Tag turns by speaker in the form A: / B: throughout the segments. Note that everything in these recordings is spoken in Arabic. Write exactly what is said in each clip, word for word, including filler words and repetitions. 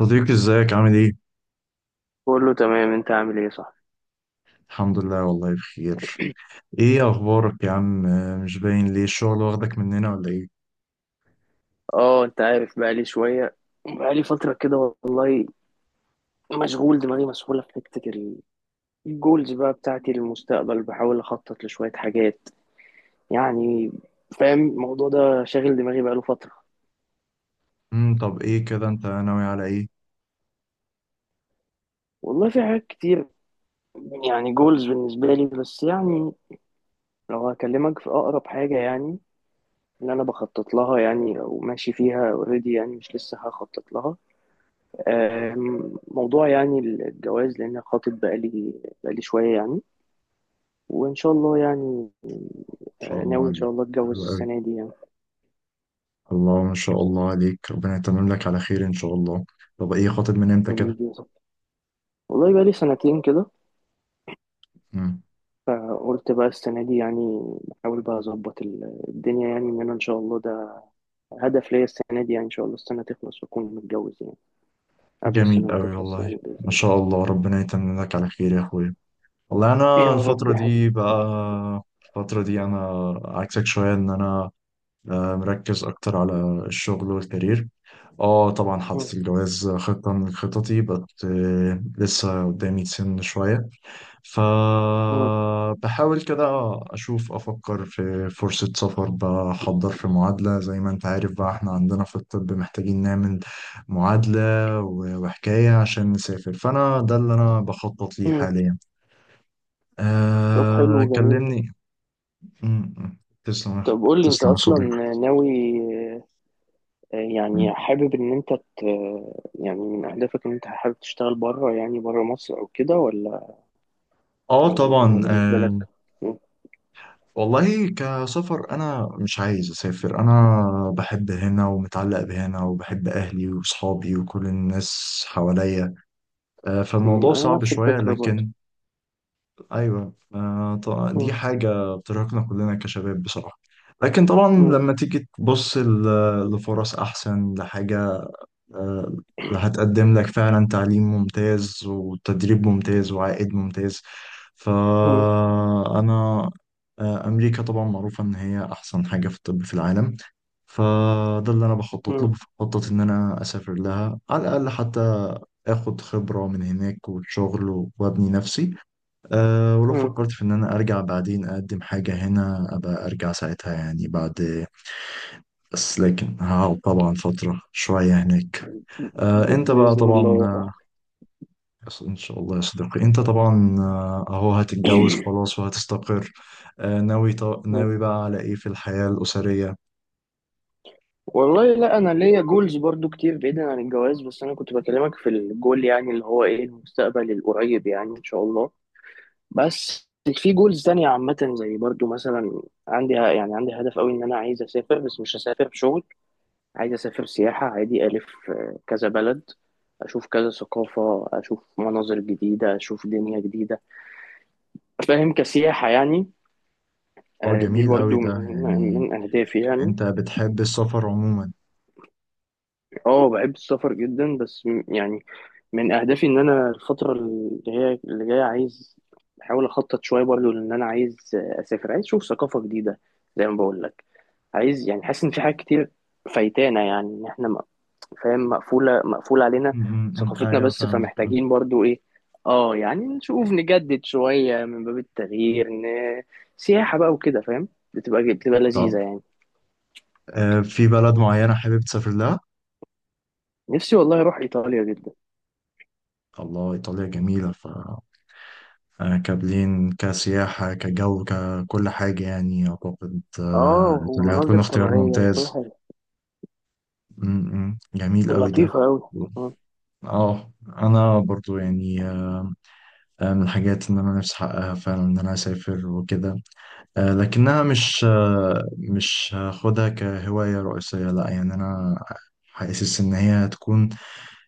A: صديقي، ازيك عامل ايه؟
B: كله تمام، انت عامل ايه؟ صح.
A: الحمد لله، والله بخير. ايه اخبارك يا عم؟ آه، مش باين ليه. الشغل واخدك مننا ولا ايه؟
B: اه انت عارف بقالي شوية، بقالي فترة كده والله. مشغول، دماغي مسحولة في حتة ال- الجولز بقى بتاعتي للمستقبل، بحاول اخطط لشوية حاجات يعني فاهم، الموضوع ده شاغل دماغي بقاله فترة.
A: امم طب ايه كده، انت ناوي على ايه؟ ان
B: والله في حاجات كتير يعني جولز بالنسبة لي، بس يعني لو هكلمك في اقرب حاجة يعني اللي انا بخطط لها يعني، او ماشي فيها اوريدي، يعني مش لسه هخطط لها. آم، موضوع يعني الجواز، لأن خاطب بقالي بقالي شوية يعني، وإن شاء الله يعني.
A: شاء
B: آه،
A: الله
B: ناوي إن شاء
A: عليك.
B: الله أتجوز
A: حلو قوي.
B: السنة دي يعني.
A: الله، ما شاء الله عليك، ربنا يتمم لك على خير ان شاء الله. طب ايه، خاطب من امتى كده؟
B: والله بقالي سنتين كده.
A: امم.
B: فقلت بقى السنة دي يعني بحاول بقى أظبط ال- الدنيا، يعني إن أنا إن شاء الله ده هدف ليا السنة دي، يعني إن شاء الله السنة تخلص وأكون متجوز، يعني قبل
A: جميل
B: السنة ما
A: قوي
B: تخلص،
A: والله.
B: يعني بإذن
A: ما
B: الله.
A: شاء الله، ربنا يتمم لك على خير يا اخويا. والله
B: يا
A: انا
B: رب
A: الفترة
B: يا
A: دي
B: حبيبي.
A: بقى، الفترة دي انا عكسك شوية، ان انا آه، مركز اكتر على الشغل والكارير. اه طبعا،
B: مم.
A: حاطط الجواز خطة من خططي، بس آه، لسه قدامي سن شوية.
B: مم.
A: فبحاول كده أشوف، أفكر في فرصة سفر، بحضر في معادلة. زي ما أنت عارف بقى، إحنا عندنا في الطب محتاجين نعمل معادلة، و- وحكاية، عشان نسافر. فأنا ده اللي أنا بخطط ليه
B: مم.
A: حاليا.
B: طب
A: أه
B: حلو، جميل.
A: كلمني. م- م. تسلم يا أخ-
B: طب قول لي أنت
A: تسلم يا
B: أصلا
A: صديقي.
B: ناوي،
A: م.
B: يعني حابب ان انت ت... يعني من اهدافك ان انت حابب تشتغل بره، يعني بره مصر او كده، ولا
A: اه
B: ولا مش-
A: طبعا.
B: ولا بالنسبه
A: آه،
B: لك؟ مم.
A: والله كسفر انا مش عايز اسافر، انا بحب هنا ومتعلق بهنا، وبحب اهلي وصحابي وكل الناس حواليا. آه،
B: مم.
A: فالموضوع
B: انا
A: صعب
B: نفس
A: شوية،
B: الفكره برضه.
A: لكن ايوه، آه، ط- دي
B: مم.
A: حاجة بترهقنا كلنا كشباب بصراحة. لكن طبعا
B: مم.
A: لما تيجي تبص ل- لفرص احسن، لحاجة آه، هتقدم لك فعلا تعليم ممتاز وتدريب ممتاز وعائد ممتاز.
B: مم.
A: فأنا آه، أمريكا طبعا معروفة إن هي أحسن حاجة في الطب في العالم. فده اللي أنا بخطط له،
B: مم.
A: بخطط إن أنا أسافر لها، على الأقل حتى اخد خبرة من هناك وشغل وابني نفسي. أه ولو
B: مم.
A: فكرت في ان انا ارجع بعدين، اقدم حاجة هنا، ابقى ارجع ساعتها يعني، بعد. بس لكن هقعد طبعا فترة شوية هناك. آه،
B: ب...
A: انت بقى
B: باذن
A: طبعا،
B: الله يا
A: آه، ان شاء الله يا صديقي، انت طبعا آه، اهو هتتجوز
B: صاحبي.
A: خلاص وهتستقر. آه، ناوي ط-
B: مم.
A: ناوي بقى على ايه في الحياة الأسرية؟
B: والله لا، انا ليا جولز برضو كتير بعيدا عن الجواز، بس انا كنت بكلمك في الجول يعني اللي هو ايه المستقبل القريب، يعني ان شاء الله. بس في جولز تانية عامة زي برضو، مثلا عندي يعني، عندي هدف قوي ان انا عايز اسافر، بس مش هسافر شغل، عايز أسافر سياحة عادي، ألف آه، كذا بلد، أشوف كذا ثقافة، أشوف مناظر جديدة، أشوف دنيا جديدة. فاهم؟ كسياحة يعني.
A: هو
B: آه، دي
A: جميل قوي
B: برضو
A: ده
B: من
A: يعني.
B: من أهدافي يعني.
A: انت بتحب السفر عموما؟
B: اه بحب السفر جدا، بس م- يعني من أهدافي إن أنا الفترة اللي هي اللي جاية، عايز بحاول أخطط شوية برضو، لأن أنا عايز آه، أسافر، عايز أشوف ثقافة جديدة، زي ما بقول لك. عايز يعني، حاسس إن في حاجات كتير فايتانا، يعني إن إحنا فاهم، مقفولة مقفول علينا
A: م- م- م.
B: ثقافتنا
A: ايوه
B: بس،
A: فاهمك آه.
B: فمحتاجين برضو ايه، اه يعني نشوف، نجدد شوية من باب التغيير، ن... سياحة بقى وكده، فاهم؟ بتبقى بتبقى
A: طب
B: لذيذة يعني.
A: آه، في بلد معينة حابب تسافر لها؟
B: نفسي والله اروح ايطاليا جدا.
A: الله، ايطاليا جميلة. ف آه، كبلين، كسياحة، كجو، ككل حاجة يعني. أعتقد آه،
B: اه،
A: إيطاليا هتكون
B: ومناظر
A: اختيار
B: طبيعية وكل
A: ممتاز.
B: حاجة
A: م- م. جميل قوي ده.
B: لطيفة أوي. م.
A: اه انا برضو يعني، آه، آه، من الحاجات ان انا نفسي احققها فعلا، ان انا اسافر وكده. آه، لكنها مش آه، مش هاخدها كهواية رئيسية، لا. يعني انا حاسس ان هي هتكون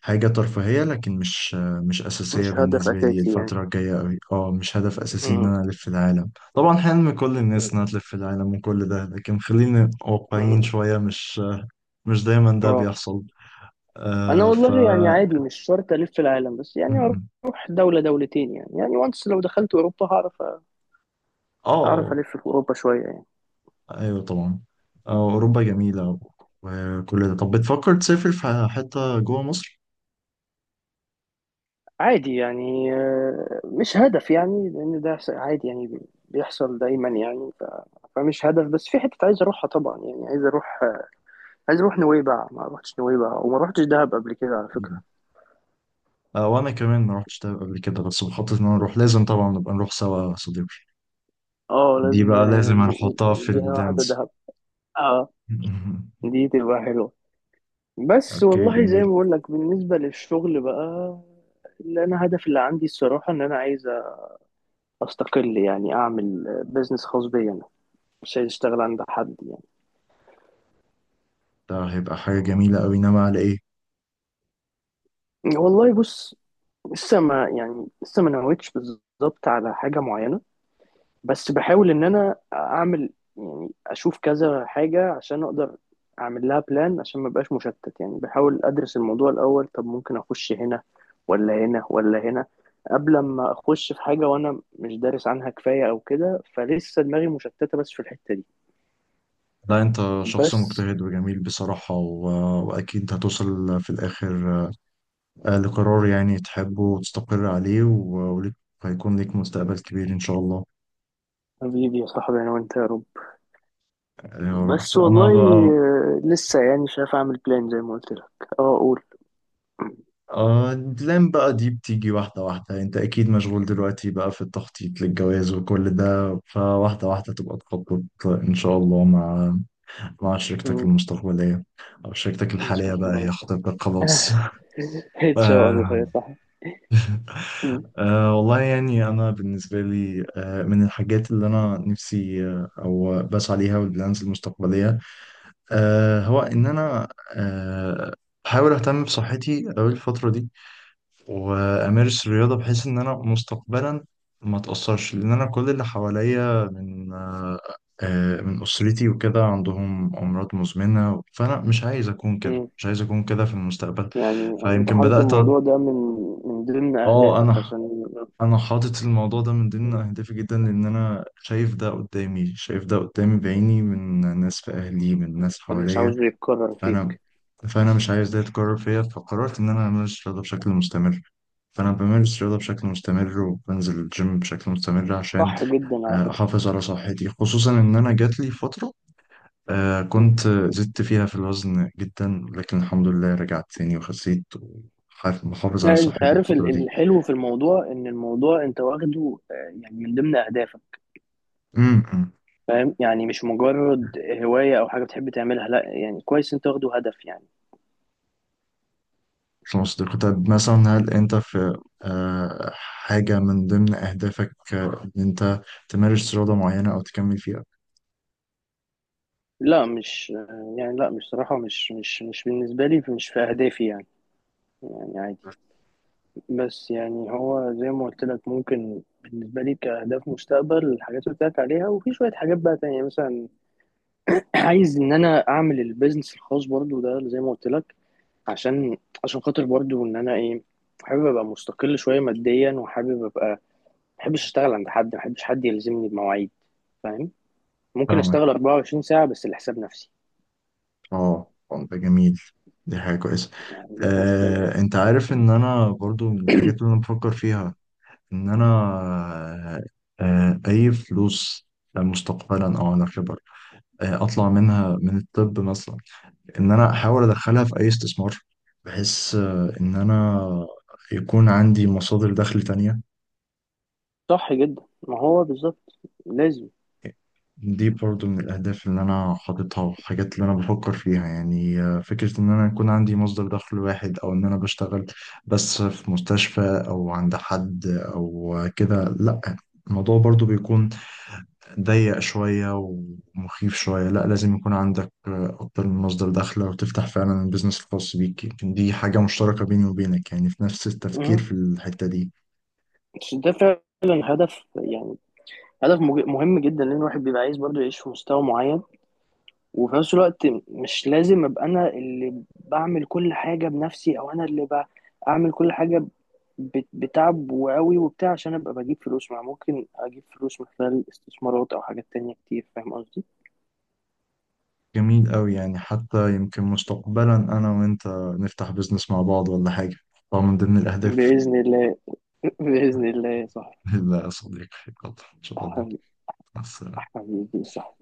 A: حاجة ترفيهية، لكن مش آه، مش اساسية
B: مش هدف
A: بالنسبة لي
B: اساسي يعني.
A: الفترة الجاية قوي. اه مش هدف اساسي ان
B: م.
A: انا الف العالم. طبعا حلم كل الناس
B: م.
A: انها تلف العالم وكل ده، لكن خلينا واقعيين
B: م.
A: شوية. مش آه، مش دايما ده
B: اه.
A: بيحصل.
B: انا
A: آه، ف
B: والله يعني عادي، مش شرط الف العالم، بس
A: م-
B: يعني
A: م.
B: اروح دولة دولتين يعني، يعني وانس. لو دخلت اوروبا هعرف هعرف
A: اه
B: الف في اوروبا شوية يعني.
A: ايوه طبعا. آه، اوروبا جميله وكل ده. طب بتفكر تسافر في حته جوه مصر؟
B: عادي يعني، آه، مش هدف يعني، لأن ده س- عادي يعني بي- بيحصل دايما يعني. ف... فمش هدف، بس في حتة عايز أروحها طبعا، يعني عايز أروح آه، عايز أروح نويبع، ما روحتش نويبع وما روحتش دهب قبل كده على فكرة.
A: آه، وانا كمان ما رحتش ده قبل كده، بس بخطط ان انا اروح. لازم طبعا نبقى نروح سوا يا صديقي.
B: اه
A: دي
B: لازم.
A: بقى
B: آه،
A: لازم
B: ن-
A: هنحطها
B: ن-
A: في
B: دي واحدة،
A: الدانس.
B: دهب. اه دي تبقى حلوة. بس
A: اوكي،
B: والله زي ما
A: جميل.
B: بقول لك، بالنسبة للشغل بقى اللي أنا هدف اللي عندي، الصراحة إن أنا عايز أستقل، يعني أعمل بيزنس خاص بيا أنا، مش عايز أشتغل عند حد يعني.
A: ده هيبقى حاجه جميله قوي، انما على ايه؟
B: والله بص، لسه ما يعني، لسه ما نويتش بالظبط على حاجة معينة، بس بحاول إن أنا أعمل، يعني أشوف كذا حاجة عشان أقدر أعمل لها بلان، عشان ما بقاش مشتت يعني، بحاول أدرس الموضوع الأول. طب ممكن أخش هنا ولا هنا ولا هنا قبل ما أخش في حاجة وأنا مش دارس عنها كفاية أو كده، فلسه دماغي مشتتة بس في الحتة دي.
A: لا، انت شخص
B: بس
A: مجتهد وجميل بصراحه، و... واكيد هتوصل في الاخر آه، لقرار يعني تحبه وتستقر عليه. و... وليك، هيكون ليك مستقبل كبير إن شاء الله.
B: حبيبي يا صاحبي، أنا وأنت يا رب.
A: آه، يا رب.
B: بس
A: أنا
B: والله
A: بقى
B: آه، لسه يعني شايف أعمل بلان زي ما قلت لك. أه.
A: آه لين بقى دي بتيجي واحدة واحدة. انت اكيد مشغول دلوقتي بقى في التخطيط للجواز وكل ده، فواحدة واحدة تبقى تخطط ان شاء الله، مع مع شريكتك
B: أقول،
A: المستقبلية، او شريكتك
B: ان
A: الحالية
B: شاء
A: بقى،
B: الله
A: هي
B: يا صاحبي.
A: خطيبتك خلاص.
B: ان شاء الله
A: آه.
B: يا صاحبي. م-
A: آه والله يعني، انا بالنسبة لي، آه من الحاجات اللي انا نفسي آه او بسعى ليها، والبلانز المستقبلية، آه هو ان انا آه بحاول اهتم بصحتي اوي الفترة دي، وامارس الرياضه، بحيث ان انا مستقبلا ما اتاثرش. لان انا كل اللي حواليا من، آه، آه، من اسرتي وكده، عندهم امراض مزمنه. فانا مش عايز اكون كده،
B: م.
A: مش عايز اكون كده في المستقبل.
B: يعني انت
A: فيمكن
B: حاطط
A: بدات أ-
B: الموضوع ده من من ضمن
A: اه،
B: اهدافك
A: انا
B: عشان
A: انا حاطط الموضوع ده من ضمن اهدافي جدا. لان انا شايف ده قدامي، شايف ده قدامي بعيني، من ناس في اهلي، من ناس
B: مش
A: حواليا.
B: عاوزه يتكرر
A: فانا
B: فيك.
A: فانا مش عايز ده يتكرر فيا. فقررت ان انا امارس رياضه بشكل مستمر. فانا بمارس رياضه بشكل مستمر، وبنزل الجيم بشكل مستمر، عشان
B: صح جدا على
A: آه،
B: فكرة.
A: احافظ على صحتي. خصوصا ان انا جات لي فتره آه،
B: م.
A: كنت زدت فيها في الوزن جدا، لكن الحمد لله رجعت تاني وخسيت، ومحافظ على
B: لا، انت
A: صحتي
B: عارف ال-
A: الفتره دي.
B: الحلو في الموضوع ان الموضوع انت واخده آه، يعني من ضمن اهدافك،
A: امم
B: فاهم يعني، مش مجرد هواية او حاجة بتحب تعملها، لا يعني كويس انت واخده هدف يعني.
A: خلاص ده كنت. طب مثلا، هل انت في آه، حاجه من ضمن اهدافك آه، ان انت تمارس رياضه معينه او تكمل فيها؟
B: لا، مش آه، يعني لا مش صراحة، مش مش مش بالنسبة لي، مش في اهدافي يعني، يعني عادي. بس يعني هو زي ما قلت لك، ممكن بالنسبة لي كأهداف مستقبل الحاجات اللي قلت لك عليها، وفي شوية حاجات بقى تانية مثلا. عايز إن أنا أعمل البيزنس الخاص برضو ده زي ما قلت لك، عشان عشان خاطر برضو إن أنا إيه، حابب أبقى مستقل شوية ماديا، وحابب أبقى ما، بحبش أشتغل عند حد، ما بحبش حد يلزمني بمواعيد، فاهم؟ ممكن أشتغل
A: فاهمك.
B: اربعة وعشرين ساعة بس لحساب نفسي،
A: اه، آه، ده جميل، دي حاجة كويسة.
B: يعني ما عنديش مشكلة
A: آه،
B: يعني.
A: انت عارف ان انا برضو من الحاجات اللي انا بفكر فيها، ان انا آه، آه، اي فلوس مستقبلا او على كبر آه، اطلع منها من الطب مثلا، ان انا احاول ادخلها في اي استثمار، بحيث آه، ان انا يكون عندي مصادر دخل تانية.
B: صح جدا، ما هو بالظبط لازم.
A: دي برضو من الأهداف اللي أنا حاططها والحاجات اللي أنا بفكر فيها يعني. آه، فكرة إن أنا يكون عندي مصدر دخل واحد، أو إن أنا بشتغل بس في مستشفى، أو عند حد أو كده، لأ. الموضوع برضو بيكون ضيق شوية ومخيف شوية. لأ، لازم يكون عندك آه، أكتر من مصدر دخل، أو تفتح فعلا البيزنس الخاص بيك. يمكن دي حاجة مشتركة بيني وبينك، يعني في نفس التفكير
B: مهم.
A: في الحتة دي.
B: بس ده فعلا هدف يعني، هدف مج- مهم جدا، لان الواحد بيبقى عايز برضه يعيش في مستوى معين، وفي نفس الوقت مش لازم ابقى انا اللي بعمل كل حاجه بنفسي، او انا اللي بعمل كل حاجه، ب- بتعب وقوي وبتاع عشان ابقى بجيب فلوس، مع ممكن اجيب فلوس من خلال استثمارات او حاجات تانية كتير. فاهم قصدي؟
A: جميل أوي، يعني حتى يمكن مستقبلا أنا وأنت نفتح بيزنس مع بعض ولا حاجة. طبعا من ضمن الأهداف.
B: باذن الله. باذن الله، صح.
A: لا يا صديقي، يلا إن شاء الله. مع السلامة.
B: حبيبي، صح.